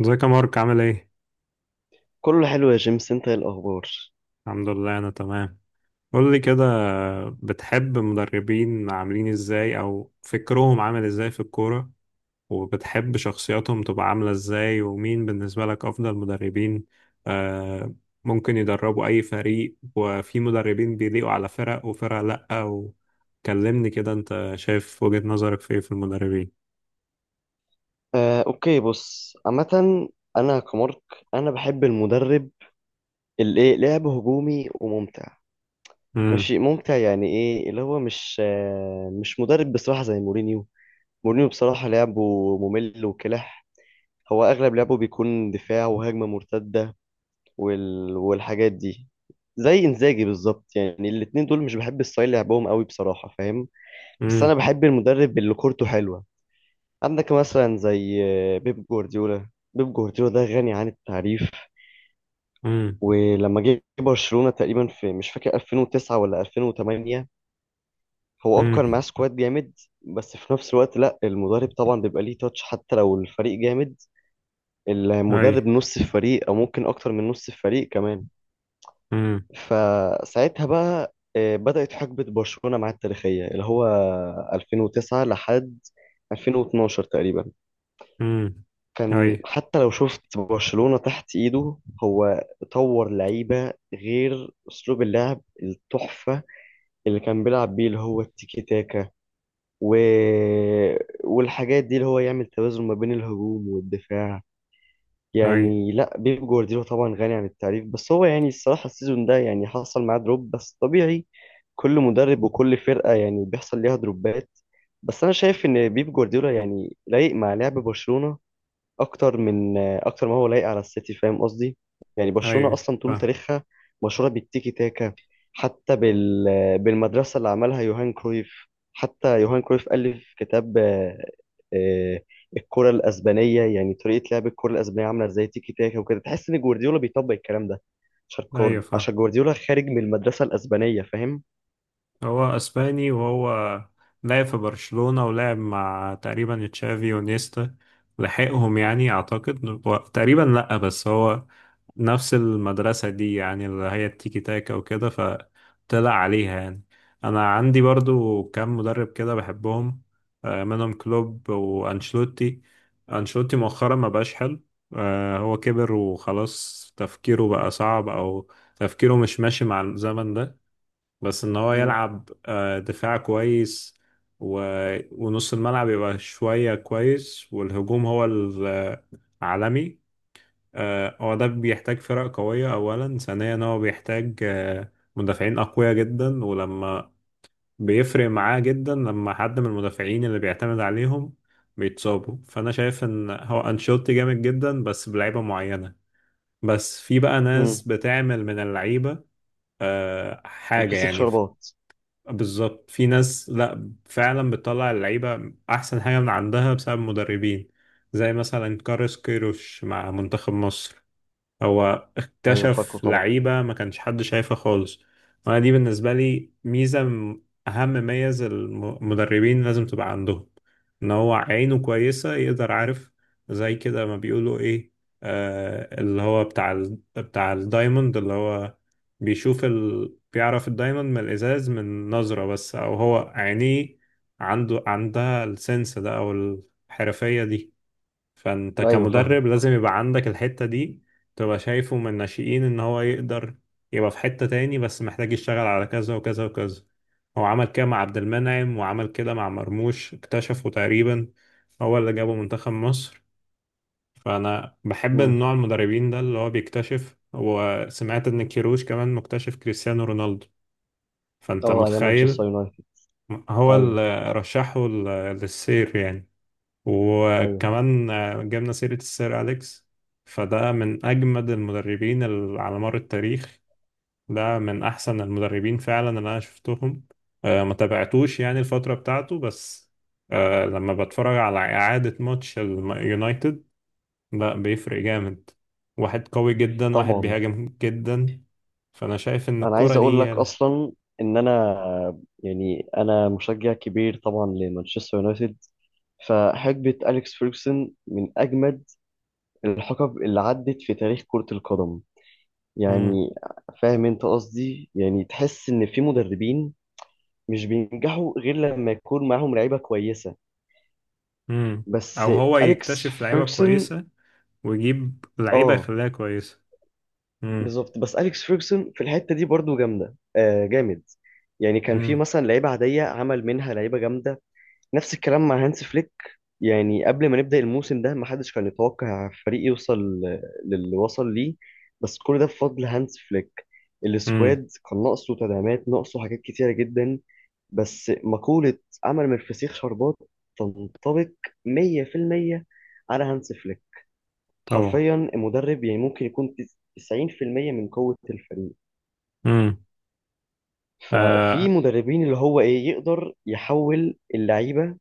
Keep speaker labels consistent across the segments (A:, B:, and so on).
A: ازيك يا مارك، عامل ايه؟
B: كله حلو يا جيمس، انت ايه الاخبار؟
A: الحمد لله انا تمام. قول لي كده، بتحب مدربين عاملين ازاي او فكرهم عامل ازاي في الكورة؟ وبتحب شخصياتهم تبقى عاملة ازاي؟ ومين بالنسبة لك افضل مدربين؟ آه. ممكن يدربوا اي فريق، وفي مدربين بيليقوا على فرق وفرق لأ، وكلمني كده انت شايف وجهة نظرك في ايه في المدربين.
B: اوكي، بص عامه. انا كمارك، انا بحب المدرب اللي ايه لعب هجومي وممتع.
A: امم.
B: ماشي ممتع يعني ايه اللي هو مش مدرب بصراحه زي مورينيو. مورينيو بصراحه لعبه ممل وكلح. هو اغلب لعبه بيكون دفاع وهجمه مرتده، والحاجات دي، زي انزاجي بالظبط. يعني الاتنين دول مش بحب ستايل لعبهم قوي بصراحه، فاهم؟ بس انا
A: امم.
B: بحب المدرب اللي كورته حلوه. عندك مثلا زي بيب جوارديولا. بيب جوارديولا ده غني عن التعريف.
A: امم.
B: ولما جه برشلونة تقريبا في مش فاكر 2009 ولا 2008، هو كان معاه
A: امم.
B: سكواد جامد. بس في نفس الوقت لا، المدرب طبعا بيبقى ليه تاتش حتى لو الفريق جامد.
A: اي.
B: المدرب نص الفريق او ممكن اكتر من نص الفريق كمان.
A: امم.
B: فساعتها بقى بدأت حقبة برشلونة معاه التاريخية، اللي هو 2009 لحد 2012 تقريبا.
A: امم. اي.
B: كان حتى لو شفت برشلونة تحت ايده، هو طور لعيبة، غير اسلوب اللعب التحفة اللي كان بيلعب بيه اللي هو التيكي تاكا، و... والحاجات دي، اللي هو يعمل توازن ما بين الهجوم والدفاع.
A: اي.
B: يعني لا، بيب جوارديولا طبعا غني عن التعريف، بس هو يعني الصراحة السيزون ده يعني حصل معاه دروب بس طبيعي. كل مدرب وكل فرقة يعني بيحصل ليها دروبات. بس انا شايف ان بيب جوارديولا يعني لايق مع لعب برشلونة اكتر من اكتر ما هو لايق على السيتي، فاهم قصدي؟ يعني
A: اي.
B: برشلونة اصلا طول تاريخها مشهورة بالتيكي تاكا، حتى بالمدرسة اللي عملها يوهان كرويف. حتى يوهان كرويف ألف كتاب آه، الكرة الأسبانية، يعني طريقة لعب الكرة الأسبانية عاملة ازاي تيكي تاكا وكده. تحس إن جوارديولا بيطبق الكلام ده، عشان
A: ايوه، فاهم.
B: عشان جوارديولا خارج من المدرسة الأسبانية، فاهم؟
A: هو اسباني، وهو لعب في برشلونة ولعب مع تقريبا تشافي ونيستا، لحقهم يعني اعتقد تقريبا، لا بس هو نفس المدرسة دي، يعني اللي هي التيكي تاكا وكده، فطلع عليها يعني. انا عندي برضو كام مدرب كده بحبهم، منهم كلوب وانشلوتي. انشلوتي مؤخرا ما بقاش حلو، هو كبر وخلاص تفكيره بقى صعب، او تفكيره مش ماشي مع الزمن ده. بس ان هو
B: مم.
A: يلعب دفاع كويس و... ونص الملعب يبقى شوية كويس، والهجوم هو العالمي. هو ده بيحتاج فرق قوية، أولا ثانيا هو بيحتاج مدافعين أقوياء جدا، ولما بيفرق معاه جدا لما حد من المدافعين اللي بيعتمد عليهم بيتصابوا، فأنا شايف إن هو أنشيلوتي جامد جدا بس بلعيبة معينة. بس في بقى ناس
B: مم.
A: بتعمل من اللعيبة حاجة
B: الفسيخ
A: يعني.
B: شربات.
A: بالظبط، في ناس لا، فعلا بتطلع اللعيبة أحسن حاجة من عندها بسبب المدربين، زي مثلا كارلوس كيروش مع منتخب مصر، هو
B: أيوه فاكره
A: اكتشف
B: طبعا.
A: لعيبة ما كانش حد شايفها خالص. وانا دي بالنسبة لي ميزة اهم ميز المدربين لازم تبقى عندهم، ان هو عينه كويسة يقدر، عارف، زي كده ما بيقولوا ايه، آه اللي هو بتاع الدايموند، اللي هو بيعرف الدايموند من الازاز من نظرة بس، او هو عينيه عنده عندها السنس ده، او الحرفية دي. فانت
B: أيوه فاهمه.
A: كمدرب لازم يبقى عندك الحتة دي، تبقى شايفه من الناشئين ان هو يقدر يبقى في حتة تاني، بس محتاج يشتغل على كذا وكذا وكذا. هو عمل كده مع عبد المنعم، وعمل كده مع مرموش اكتشفه تقريبا، هو اللي جابه منتخب مصر. فانا بحب
B: مم.
A: النوع المدربين ده اللي هو بيكتشف، وسمعت ان كيروش كمان مكتشف كريستيانو رونالدو. فانت
B: أه، أيام مانشستر
A: متخيل؟
B: يونايتد.
A: هو
B: أيوه.
A: اللي رشحه للسير يعني.
B: أيوه
A: وكمان جبنا سيرة السير أليكس، فده من أجمد المدربين على مر التاريخ. ده من أحسن المدربين فعلا اللي أنا شفتهم، ما تابعتوش يعني الفترة بتاعته، بس لما بتفرج على إعادة ماتش اليونايتد لا بيفرق جامد. واحد قوي جدا، واحد
B: طبعا.
A: بيهاجم جدا. فأنا شايف إن
B: انا عايز
A: الكرة دي
B: اقول لك
A: يلا.
B: اصلا ان انا مشجع كبير طبعا لمانشستر يونايتد، فحقبة أليكس فيرجسون من أجمد الحقب اللي عدت في تاريخ كرة القدم
A: مم.
B: يعني. فاهم أنت قصدي؟ يعني تحس إن في مدربين مش بينجحوا غير لما يكون معاهم لعيبة كويسة.
A: مم.
B: بس
A: أو هو
B: أليكس
A: يكتشف لعيبة
B: فيرجسون.
A: كويسة، ويجيب لعيبة
B: آه،
A: يخليها كويسة. مم.
B: بالظبط. بس أليكس فيرجسون في الحتة دي برضو جامدة جامد. يعني كان في
A: مم.
B: مثلا لعيبة عادية عمل منها لعيبة جامدة. نفس الكلام مع هانس فليك. يعني قبل ما نبدأ الموسم ده، ما حدش كان يتوقع فريق يوصل للي وصل ليه، بس كل ده بفضل هانس فليك.
A: امم.
B: السكواد كان ناقصه تدعيمات، ناقصه حاجات كتيرة جدا، بس مقولة عمل من الفسيخ شربات تنطبق 100% على هانس فليك.
A: طبعا.
B: حرفيا المدرب يعني ممكن يكون 90% من قوة الفريق.
A: امم. آه.
B: ففي مدربين اللي هو ايه، يقدر يحول اللعيبة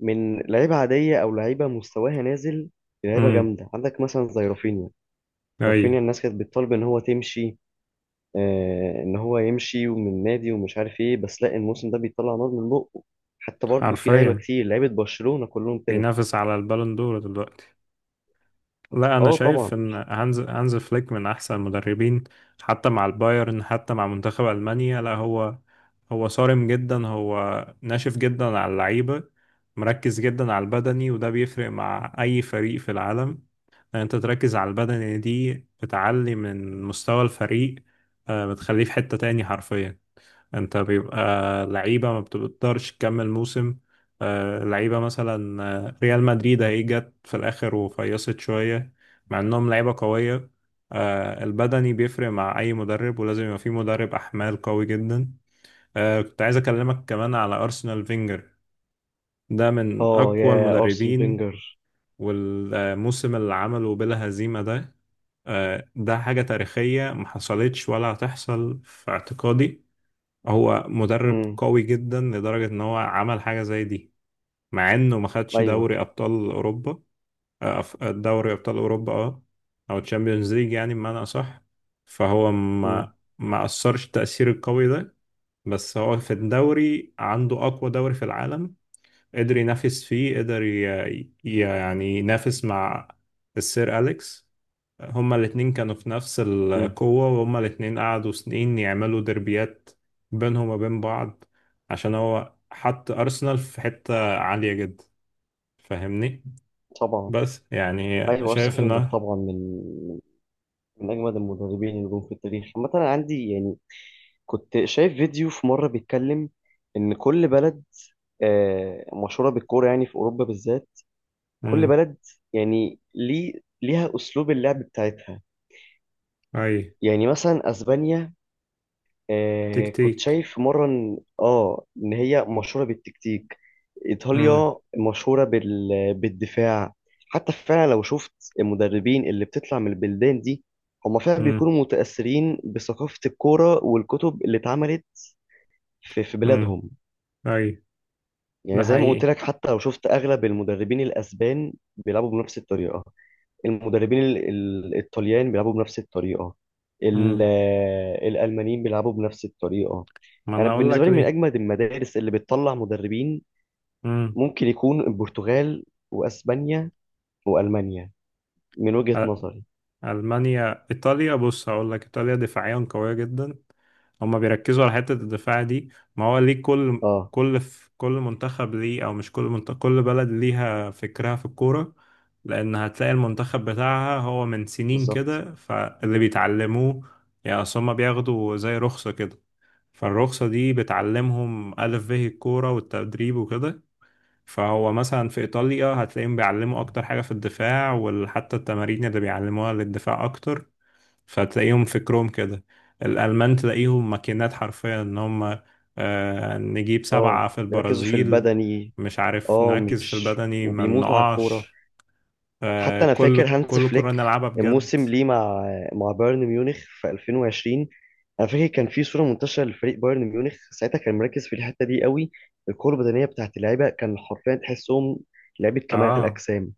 B: من لعيبة عادية أو لعيبة مستواها نازل لعيبة
A: امم.
B: جامدة. عندك مثلا زي رافينيا.
A: اي.
B: رافينيا الناس كانت بتطالب إن هو تمشي، آه، إن هو يمشي ومن نادي ومش عارف إيه، بس لا الموسم ده بيطلع نار من بقه. حتى برضه في لعيبة
A: حرفيا
B: كتير، لعيبة برشلونة كلهم كده.
A: بينافس على البالون دور دلوقتي. لا، انا
B: أه طبعا.
A: شايف ان هانز فليك من احسن المدربين، حتى مع البايرن حتى مع منتخب المانيا. لا، هو صارم جدا، هو ناشف جدا على اللعيبه، مركز جدا على البدني، وده بيفرق مع اي فريق في العالم. ان انت تركز على البدني دي بتعلي من مستوى الفريق، بتخليه في حته تاني حرفيا. انت بيبقى لعيبة ما بتقدرش تكمل موسم، لعيبة مثلا ريال مدريد هي جت في الآخر وفيصت شوية، مع انهم لعيبة قوية. البدني بيفرق مع أي مدرب، ولازم يبقى في مدرب أحمال قوي جدا. كنت عايز أكلمك كمان على أرسنال فينجر، ده من
B: أه
A: أقوى
B: يا أرسن
A: المدربين.
B: فينجر.
A: والموسم اللي عمله بلا هزيمة ده، ده حاجة تاريخية محصلتش ولا هتحصل في اعتقادي. هو مدرب
B: أمم.
A: قوي جدا لدرجة ان هو عمل حاجة زي دي، مع انه ما خدش
B: أيوه.
A: دوري ابطال اوروبا. دوري ابطال اوروبا، اه، او تشامبيونز ليج يعني بمعنى اصح. فهو
B: أمم.
A: ما اثرش التأثير القوي ده. بس هو في الدوري عنده اقوى دوري في العالم، قدر ينافس فيه، قدر يعني ينافس مع السير أليكس. هما الاتنين كانوا في نفس
B: أمم.
A: القوة، وهما الاتنين قعدوا سنين يعملوا دربيات بينهم وبين بعض، عشان هو حط أرسنال في حتة عالية جدا. فاهمني؟
B: طبعا.
A: بس يعني
B: أيوه أرسن
A: شايف
B: فينجر
A: انه.
B: طبعا من من أجمد المدربين اللي جم في التاريخ عامة. أنا عندي يعني كنت شايف فيديو في مرة بيتكلم إن كل بلد مشهوره بالكوره، يعني في اوروبا بالذات. كل
A: امم.
B: بلد يعني ليها اسلوب اللعب بتاعتها.
A: اي.
B: يعني مثلا اسبانيا، كنت
A: تكتيك.
B: شايف مره ان هي مشهوره بالتكتيك.
A: امم.
B: ايطاليا مشهوره بالدفاع. حتى فعلا لو شفت المدربين اللي بتطلع من البلدان دي، هم فعلا
A: امم.
B: بيكونوا متاثرين بثقافه الكوره والكتب اللي اتعملت في
A: امم.
B: بلادهم.
A: اي. ده
B: يعني زي ما قلت
A: حقيقي.
B: لك، حتى لو شفت اغلب المدربين الاسبان بيلعبوا بنفس الطريقه، المدربين الطليان بيلعبوا بنفس الطريقة،
A: امم.
B: الألمانيين بيلعبوا بنفس الطريقة.
A: ما
B: أنا
A: انا اقول
B: بالنسبة
A: لك
B: لي من
A: ليه.
B: أجمد المدارس اللي بتطلع مدربين
A: امم.
B: ممكن يكون البرتغال، وأسبانيا، وألمانيا، من وجهة
A: أ-
B: نظري.
A: المانيا ايطاليا، بص هقول لك، ايطاليا دفاعيا قوية جدا، هما بيركزوا على حتة الدفاع دي. ما هو ليه كل
B: اه
A: كل في كل منتخب ليه، او مش كل منتخب، كل بلد ليها فكرها في الكورة، لان هتلاقي المنتخب بتاعها هو من سنين
B: بالظبط.
A: كده، فاللي بيتعلموه، يعني اصل هما بياخدوا زي رخصة كده، فالرخصة دي بتعلمهم ألف به الكورة والتدريب وكده. فهو مثلا في إيطاليا هتلاقيهم بيعلموا أكتر حاجة في الدفاع، وحتى التمارين اللي بيعلموها للدفاع أكتر، فتلاقيهم فكرهم كده. الألمان تلاقيهم ماكينات حرفيا، إن هم نجيب
B: اه
A: سبعة في
B: بيركزوا في
A: البرازيل،
B: البدني.
A: مش عارف،
B: اه
A: نركز في
B: مش،
A: البدني ما
B: وبيموتوا على الكورة.
A: نقعش.
B: حتى انا فاكر
A: كل
B: هانز
A: كل كرة
B: فليك
A: نلعبها بجد.
B: الموسم ليه مع بايرن ميونخ في 2020. انا فاكر كان في صوره منتشره لفريق بايرن ميونخ ساعتها، كان مركز في الحته دي قوي. القوه البدنيه بتاعت اللعيبه كان حرفيا تحسهم لعيبه كمال
A: اه.
B: اجسام.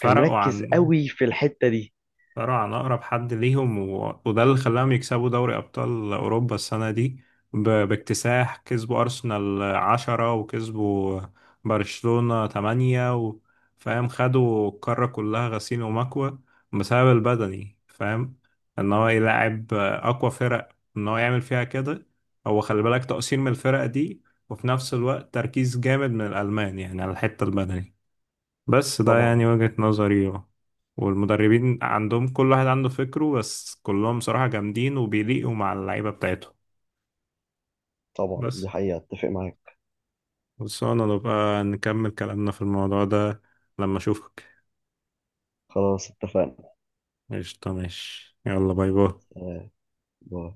B: كان مركز
A: عن
B: قوي في الحته دي.
A: فرع عن أقرب حد ليهم، وده اللي خلاهم يكسبوا دوري أبطال أوروبا السنة دي باكتساح. كسبوا أرسنال 10، وكسبوا برشلونة 8 فاهم؟ خدوا القارة كلها غسيل ومكوى بسبب البدني، فاهم، إن هو يلعب أقوى فرق، إن هو يعمل فيها كده. هو خلي بالك تقصير من الفرق دي، وفي نفس الوقت تركيز جامد من الألمان يعني على الحتة البدني. بس ده
B: طبعا.
A: يعني وجهة نظري. والمدربين عندهم كل واحد عنده فكره، بس كلهم صراحة جامدين وبيليقوا مع اللعيبة بتاعتهم.
B: طبعا دي
A: بس
B: حقيقه اتفق معاك.
A: بس انا نبقى نكمل كلامنا في الموضوع ده لما اشوفك.
B: خلاص اتفقنا.
A: قشطة، ماشي، يلا، باي باي.
B: آه، باي.